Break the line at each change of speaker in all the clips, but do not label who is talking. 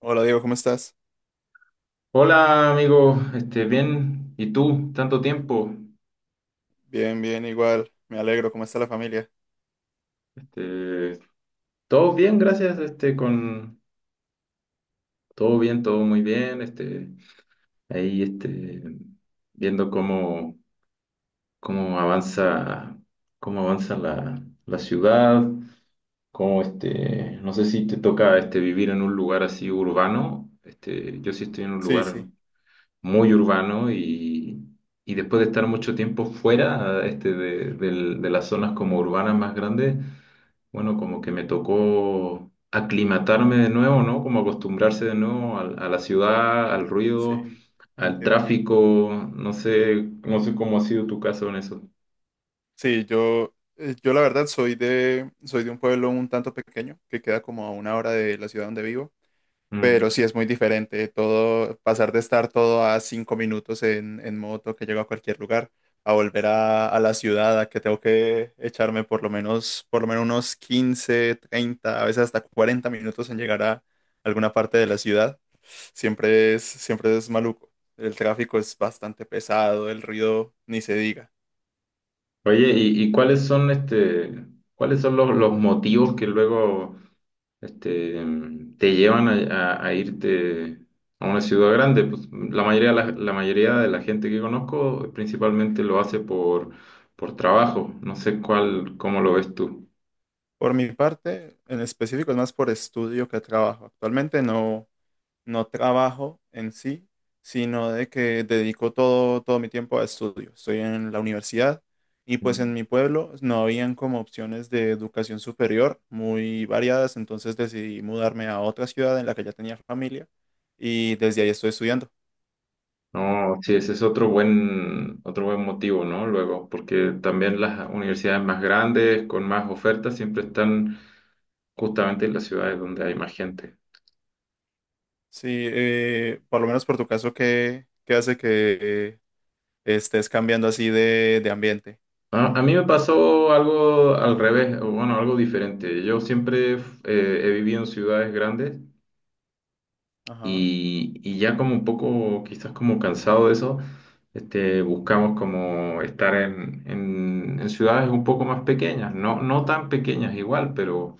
Hola Diego, ¿cómo estás?
Hola amigo, bien, ¿y tú? Tanto tiempo.
Bien, bien, igual. Me alegro. ¿Cómo está la familia?
Este, Todo bien, gracias, con todo bien, todo muy bien, ahí, viendo cómo avanza, cómo avanza la ciudad, no sé si te toca, vivir en un lugar así urbano. Yo sí estoy en un
Sí,
lugar
sí,
muy urbano y después de estar mucho tiempo fuera, de las zonas como urbanas más grandes, bueno, como que me tocó aclimatarme de nuevo, ¿no? Como acostumbrarse de nuevo a la ciudad, al ruido,
sí,
al
entiendo.
tráfico, no sé cómo ha sido tu caso en eso.
Sí, yo la verdad soy de un pueblo un tanto pequeño que queda como a una hora de la ciudad donde vivo, pero
Mm.
sí es muy diferente todo, pasar de estar todo a 5 minutos en moto que llego a cualquier lugar, a volver a la ciudad, a que tengo que echarme por lo menos unos 15, 30 a veces hasta 40 minutos en llegar a alguna parte de la ciudad. Siempre es maluco. El tráfico es bastante pesado, el ruido ni se diga.
Oye, ¿y cuáles son, los motivos que luego, este, te llevan a irte a una ciudad grande? Pues, la mayoría de la gente que conozco principalmente lo hace por trabajo. No sé cómo lo ves tú.
Por mi parte, en específico es más por estudio que trabajo. Actualmente no trabajo en sí, sino de que dedico todo mi tiempo a estudio. Estoy en la universidad y pues
Mm.
en mi pueblo no habían como opciones de educación superior muy variadas, entonces decidí mudarme a otra ciudad en la que ya tenía familia y desde ahí estoy estudiando.
No, sí, ese es otro buen motivo, ¿no? Luego, porque también las universidades más grandes, con más ofertas, siempre están justamente en las ciudades donde hay más gente.
Sí, por lo menos por tu caso, ¿qué hace que eh, estés cambiando así de ambiente?
A mí me pasó algo al revés, o bueno, algo diferente. Yo siempre he vivido en ciudades grandes
Ajá,
y ya como un poco, quizás como cansado de eso, buscamos como estar en ciudades un poco más pequeñas, no tan pequeñas igual,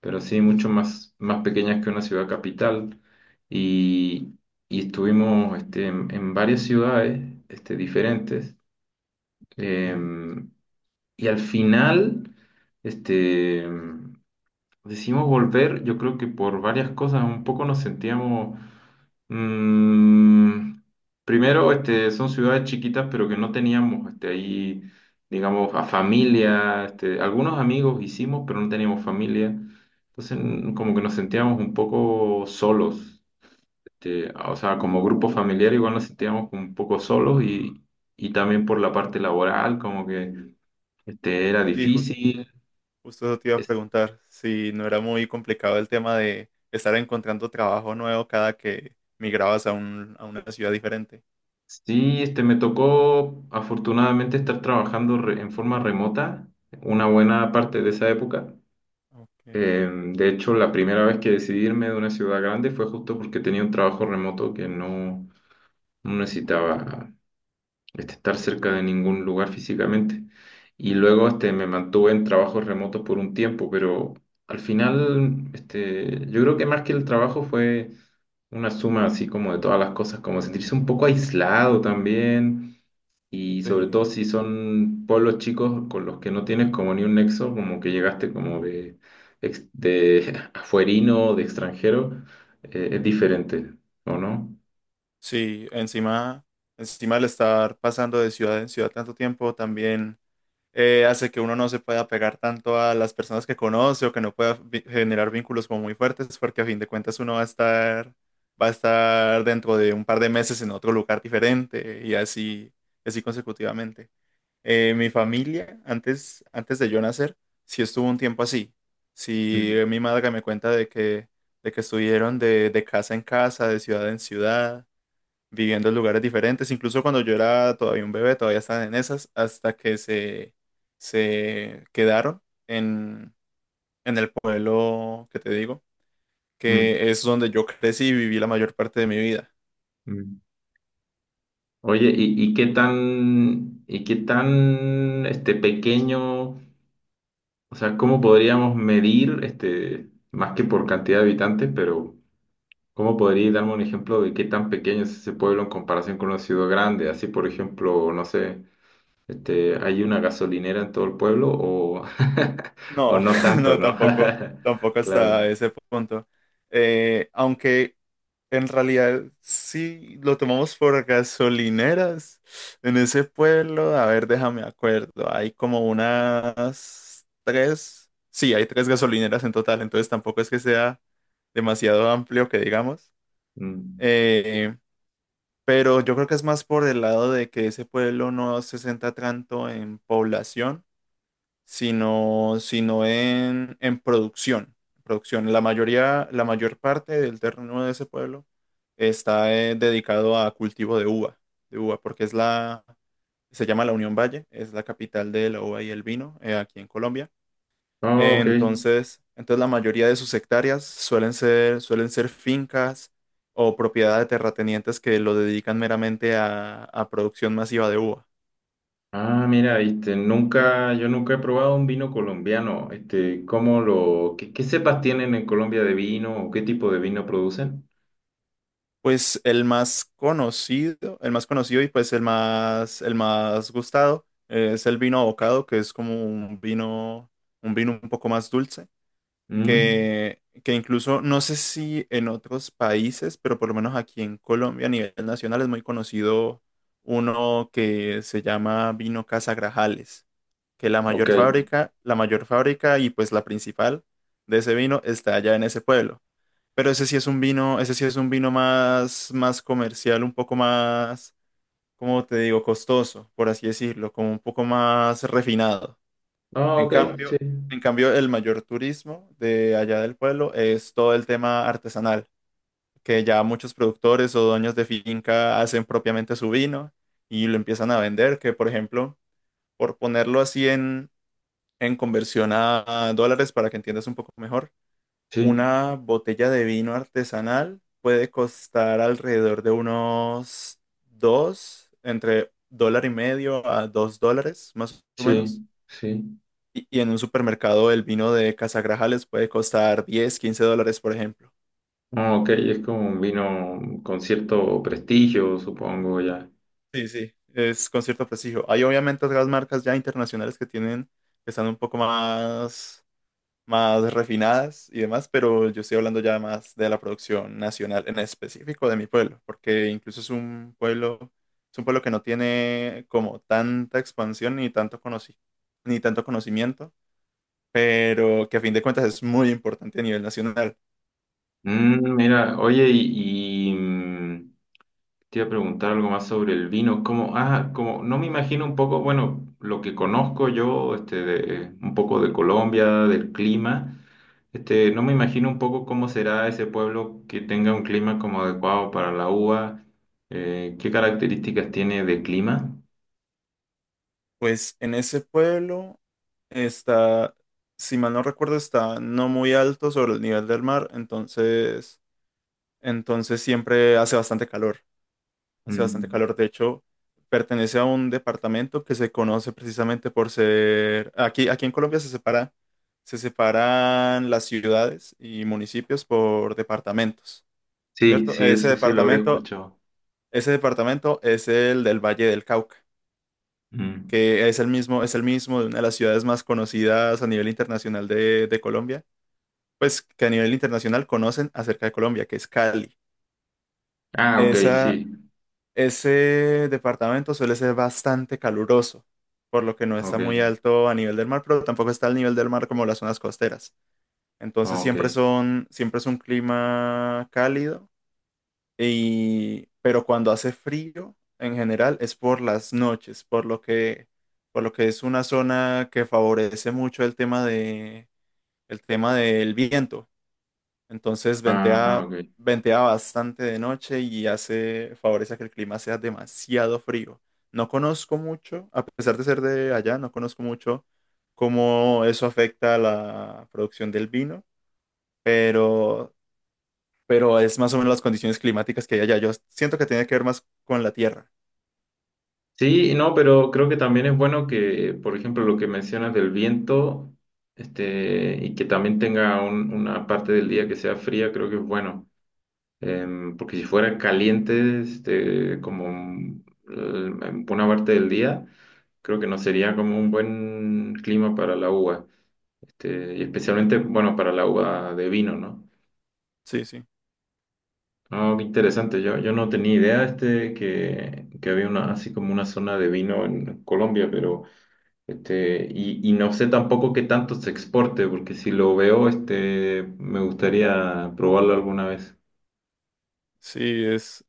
pero sí
sí,
mucho
sí,
más, más pequeñas que una ciudad capital. Y, y estuvimos, en varias ciudades, diferentes.
sí.
Em, y al final, este, decidimos volver. Yo creo que por varias cosas, un poco nos sentíamos, mm, primero, son ciudades chiquitas, pero que no teníamos, ahí, digamos, a familia, algunos amigos hicimos, pero no teníamos familia. Entonces, como que nos sentíamos un poco solos. O sea, como grupo familiar igual nos sentíamos como un poco solos, y también por la parte laboral, como que, era
Sí, jus-
difícil.
justo eso te iba a
Es-
preguntar, si no era muy complicado el tema de estar encontrando trabajo nuevo cada que migrabas a una ciudad diferente.
sí, me tocó afortunadamente estar trabajando, en forma remota una buena parte de esa época.
Okay,
De hecho, la primera vez que decidí irme de una ciudad grande fue justo porque tenía un trabajo remoto que no necesitaba, estar cerca de ningún lugar físicamente. Y luego, me mantuve en trabajos remotos por un tiempo, pero al final, yo creo que más que el trabajo fue una suma así como de todas las cosas, como sentirse un poco aislado también. Y sobre
sí.
todo si son pueblos chicos con los que no tienes como ni un nexo, como que llegaste como de afuerino, de extranjero. Es diferente, ¿o no?
Sí, encima al estar pasando de ciudad en ciudad tanto tiempo, también hace que uno no se pueda pegar tanto a las personas que conoce o que no pueda generar vínculos como muy fuertes, porque a fin de cuentas uno va a estar dentro de un par de meses en otro lugar diferente y así consecutivamente. Mi familia, antes de yo nacer, sí estuvo un tiempo así. Sí,
Mm,
mi madre me cuenta de que estuvieron de casa en casa, de ciudad en ciudad viviendo en lugares diferentes. Incluso cuando yo era todavía un bebé, todavía estaban en esas, hasta que se quedaron en el pueblo que te digo,
mm,
que es donde yo crecí y viví la mayor parte de mi vida.
mm. Oye, ¿y qué tan, pequeño, o sea, cómo podríamos medir, más que por cantidad de habitantes, pero cómo podría darme un ejemplo de qué tan pequeño es ese pueblo en comparación con una ciudad grande? Así, por ejemplo, no sé, ¿hay una gasolinera en todo el pueblo o
No,
no tanto,
no,
no?
tampoco, tampoco hasta
Claro.
ese punto. Aunque en realidad, sí, lo tomamos por gasolineras en ese pueblo. A ver, déjame acuerdo. Hay como unas tres. Sí, hay tres gasolineras en total, entonces tampoco es que sea demasiado amplio que digamos.
Mm.
Eh, pero yo creo que es más por el lado de que ese pueblo no se centra tanto en población sino en producción. Producción. La mayoría, la mayor parte del terreno de ese pueblo está dedicado a cultivo de uva, porque se llama la Unión Valle, es la capital de la uva y el vino aquí en Colombia.
Oh, ok.
Entonces la mayoría de sus hectáreas suelen ser fincas o propiedad de terratenientes que lo dedican meramente a producción masiva de uva.
Ah, mira, viste, nunca, yo nunca he probado un vino colombiano. Qué cepas tienen en Colombia de vino o qué tipo de vino producen?
Pues el más conocido y pues el más gustado es el vino abocado, que es como un vino, un vino un poco más dulce,
Mm,
que incluso no sé si en otros países, pero por lo menos aquí en Colombia a nivel nacional es muy conocido uno que se llama vino Casa Grajales, que la
ok.
mayor fábrica, la mayor fábrica y pues la principal de ese vino está allá en ese pueblo. Pero ese sí es un vino, ese sí es un vino más comercial, un poco más, como te digo, costoso, por así decirlo, como un poco más refinado.
Ah,
En
ok,
cambio,
sí,
en cambio, el mayor turismo de allá del pueblo es todo el tema artesanal, que ya muchos productores o dueños de finca hacen propiamente su vino y lo empiezan a vender, que por ejemplo, por ponerlo así en conversión a dólares para que entiendas un poco mejor.
sí,
Una botella de vino artesanal puede costar alrededor de unos entre $1.50 a $2, más o
sí,
menos.
sí.
Y en un supermercado el vino de Casagrajales puede costar 10 $15, por ejemplo.
Ah, ok, es como un vino con cierto prestigio, supongo ya.
Sí, sí, es con cierto prestigio. Hay obviamente otras marcas ya internacionales que están un poco más refinadas y demás, pero yo estoy hablando ya más de la producción nacional, en específico de mi pueblo, porque incluso es un pueblo que no tiene como tanta expansión ni tanto ni tanto conocimiento, pero que a fin de cuentas es muy importante a nivel nacional.
Mm, mira, oye, te iba a preguntar algo más sobre el vino. No me imagino un poco, bueno, lo que conozco yo, un poco de Colombia, del clima. No me imagino un poco cómo será ese pueblo que tenga un clima como adecuado para la uva. ¿Qué características tiene de clima?
Pues en ese pueblo está, si mal no recuerdo, está no muy alto sobre el nivel del mar, entonces siempre hace bastante calor. Hace bastante
Mm.
calor, de hecho, pertenece a un departamento que se conoce precisamente aquí en Colombia se separan las ciudades y municipios por departamentos,
Sí,
¿cierto?
sí,
Ese
eso sí lo había
departamento,
escuchado.
ese departamento es el del Valle del Cauca,
Mm.
que es el mismo de una de las ciudades más conocidas a nivel internacional de Colombia, pues que a nivel internacional conocen acerca de Colombia, que es Cali.
Ah, ok,
Esa,
sí,
Ese departamento suele ser bastante caluroso, por lo que no está
ok,
muy alto a nivel del mar, pero tampoco está al nivel del mar como las zonas costeras. Entonces
ok.
siempre es un clima cálido y, pero cuando hace frío, en general es por las noches, por lo que es una zona que favorece mucho el tema del viento. Entonces
Ah,
ventea,
ok.
ventea bastante de noche y hace, favorece a que el clima sea demasiado frío. No conozco mucho, a pesar de ser de allá, no conozco mucho cómo eso afecta a la producción del vino, pero, pero es más o menos las condiciones climáticas que hay allá. Yo siento que tiene que ver más con la tierra.
Sí, no, pero creo que también es bueno que, por ejemplo, lo que mencionas del viento, y que también tenga una parte del día que sea fría, creo que es bueno. Porque si fuera caliente, en una parte del día, creo que no sería como un buen clima para la uva. Y especialmente, bueno, para la uva de vino, ¿no?
Sí, sí.
No, qué interesante. Yo no tenía idea, que había una, así como una zona de vino en Colombia, pero. Y no sé tampoco qué tanto se exporte, porque si lo veo, me gustaría probarlo alguna vez.
Sí, es,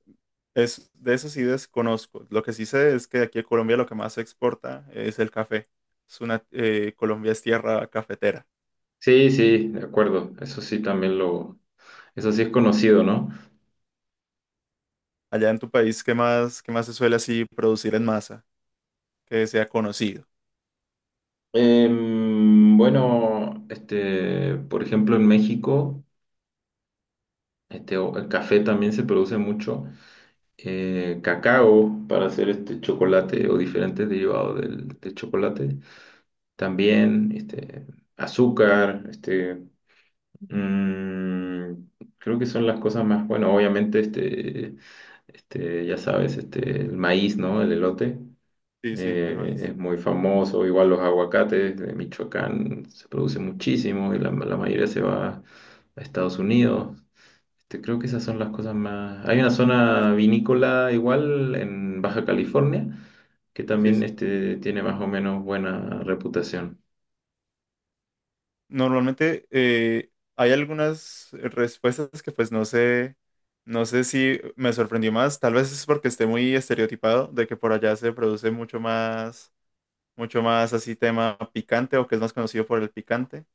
es, de eso sí desconozco. Lo que sí sé es que aquí en Colombia lo que más se exporta es el café. Colombia es tierra cafetera.
Sí, sí, de acuerdo. Eso sí es conocido, ¿no?
Allá en tu país, ¿qué más se suele así producir en masa que sea conocido?
Bueno, por ejemplo, en México, el café también se produce mucho. Cacao para hacer este chocolate o diferentes derivados del chocolate. También, azúcar. Mm, creo que son las cosas más, bueno, obviamente, ya sabes, el maíz, ¿no? El elote
Sí, sí, el maíz.
es muy famoso, igual los aguacates de Michoacán se producen muchísimo y la mayoría se va a Estados Unidos. Creo que esas son las cosas más. Hay una
Es-
zona vinícola igual en Baja California que
Sí,
también,
sí.
tiene más o menos buena reputación.
Normalmente hay algunas respuestas que pues no sé si me sorprendió más. Tal vez es porque esté muy estereotipado de que por allá se produce mucho más así tema picante o que es más conocido por el picante,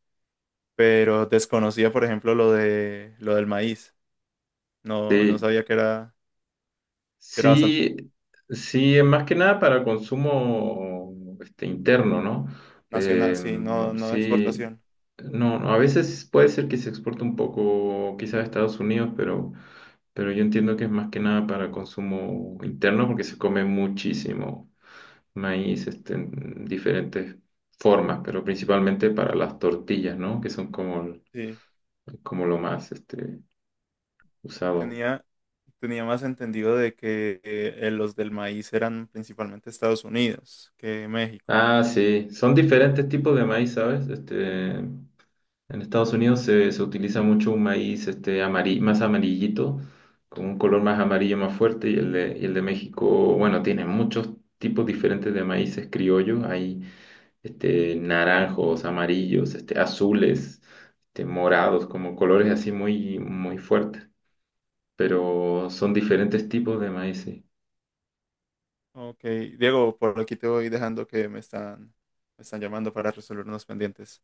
pero desconocía, por ejemplo, lo del maíz. No
Sí.
sabía que era bastante
Sí, sí, es más que nada para consumo, interno, ¿no?
nacional,
Eh,
sí, no, no de
sí,
exportación.
no, no, a veces puede ser que se exporte un poco quizás a Estados Unidos, pero yo entiendo que es más que nada para consumo interno porque se come muchísimo maíz, en diferentes formas, pero principalmente para las tortillas, ¿no? Que son
Sí.
como lo más, usado.
Tenía, tenía más entendido de que los del maíz eran principalmente Estados Unidos que México.
Ah, sí, son diferentes tipos de maíz, ¿sabes? En Estados Unidos se utiliza mucho un maíz, más amarillito, con un color más amarillo más fuerte, y y el de México, bueno, tiene muchos tipos diferentes de maíces criollos, hay, naranjos, amarillos, azules, morados, como colores así muy, muy fuertes, pero son diferentes tipos de maíces.
Ok, Diego, por aquí te voy dejando que me están llamando para resolver unos pendientes.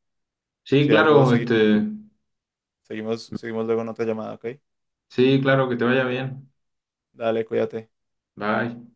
Sí,
Si algo,
claro,
seguimos luego en otra llamada, ¿ok?
sí, claro, que te vaya bien.
Dale, cuídate.
Bye.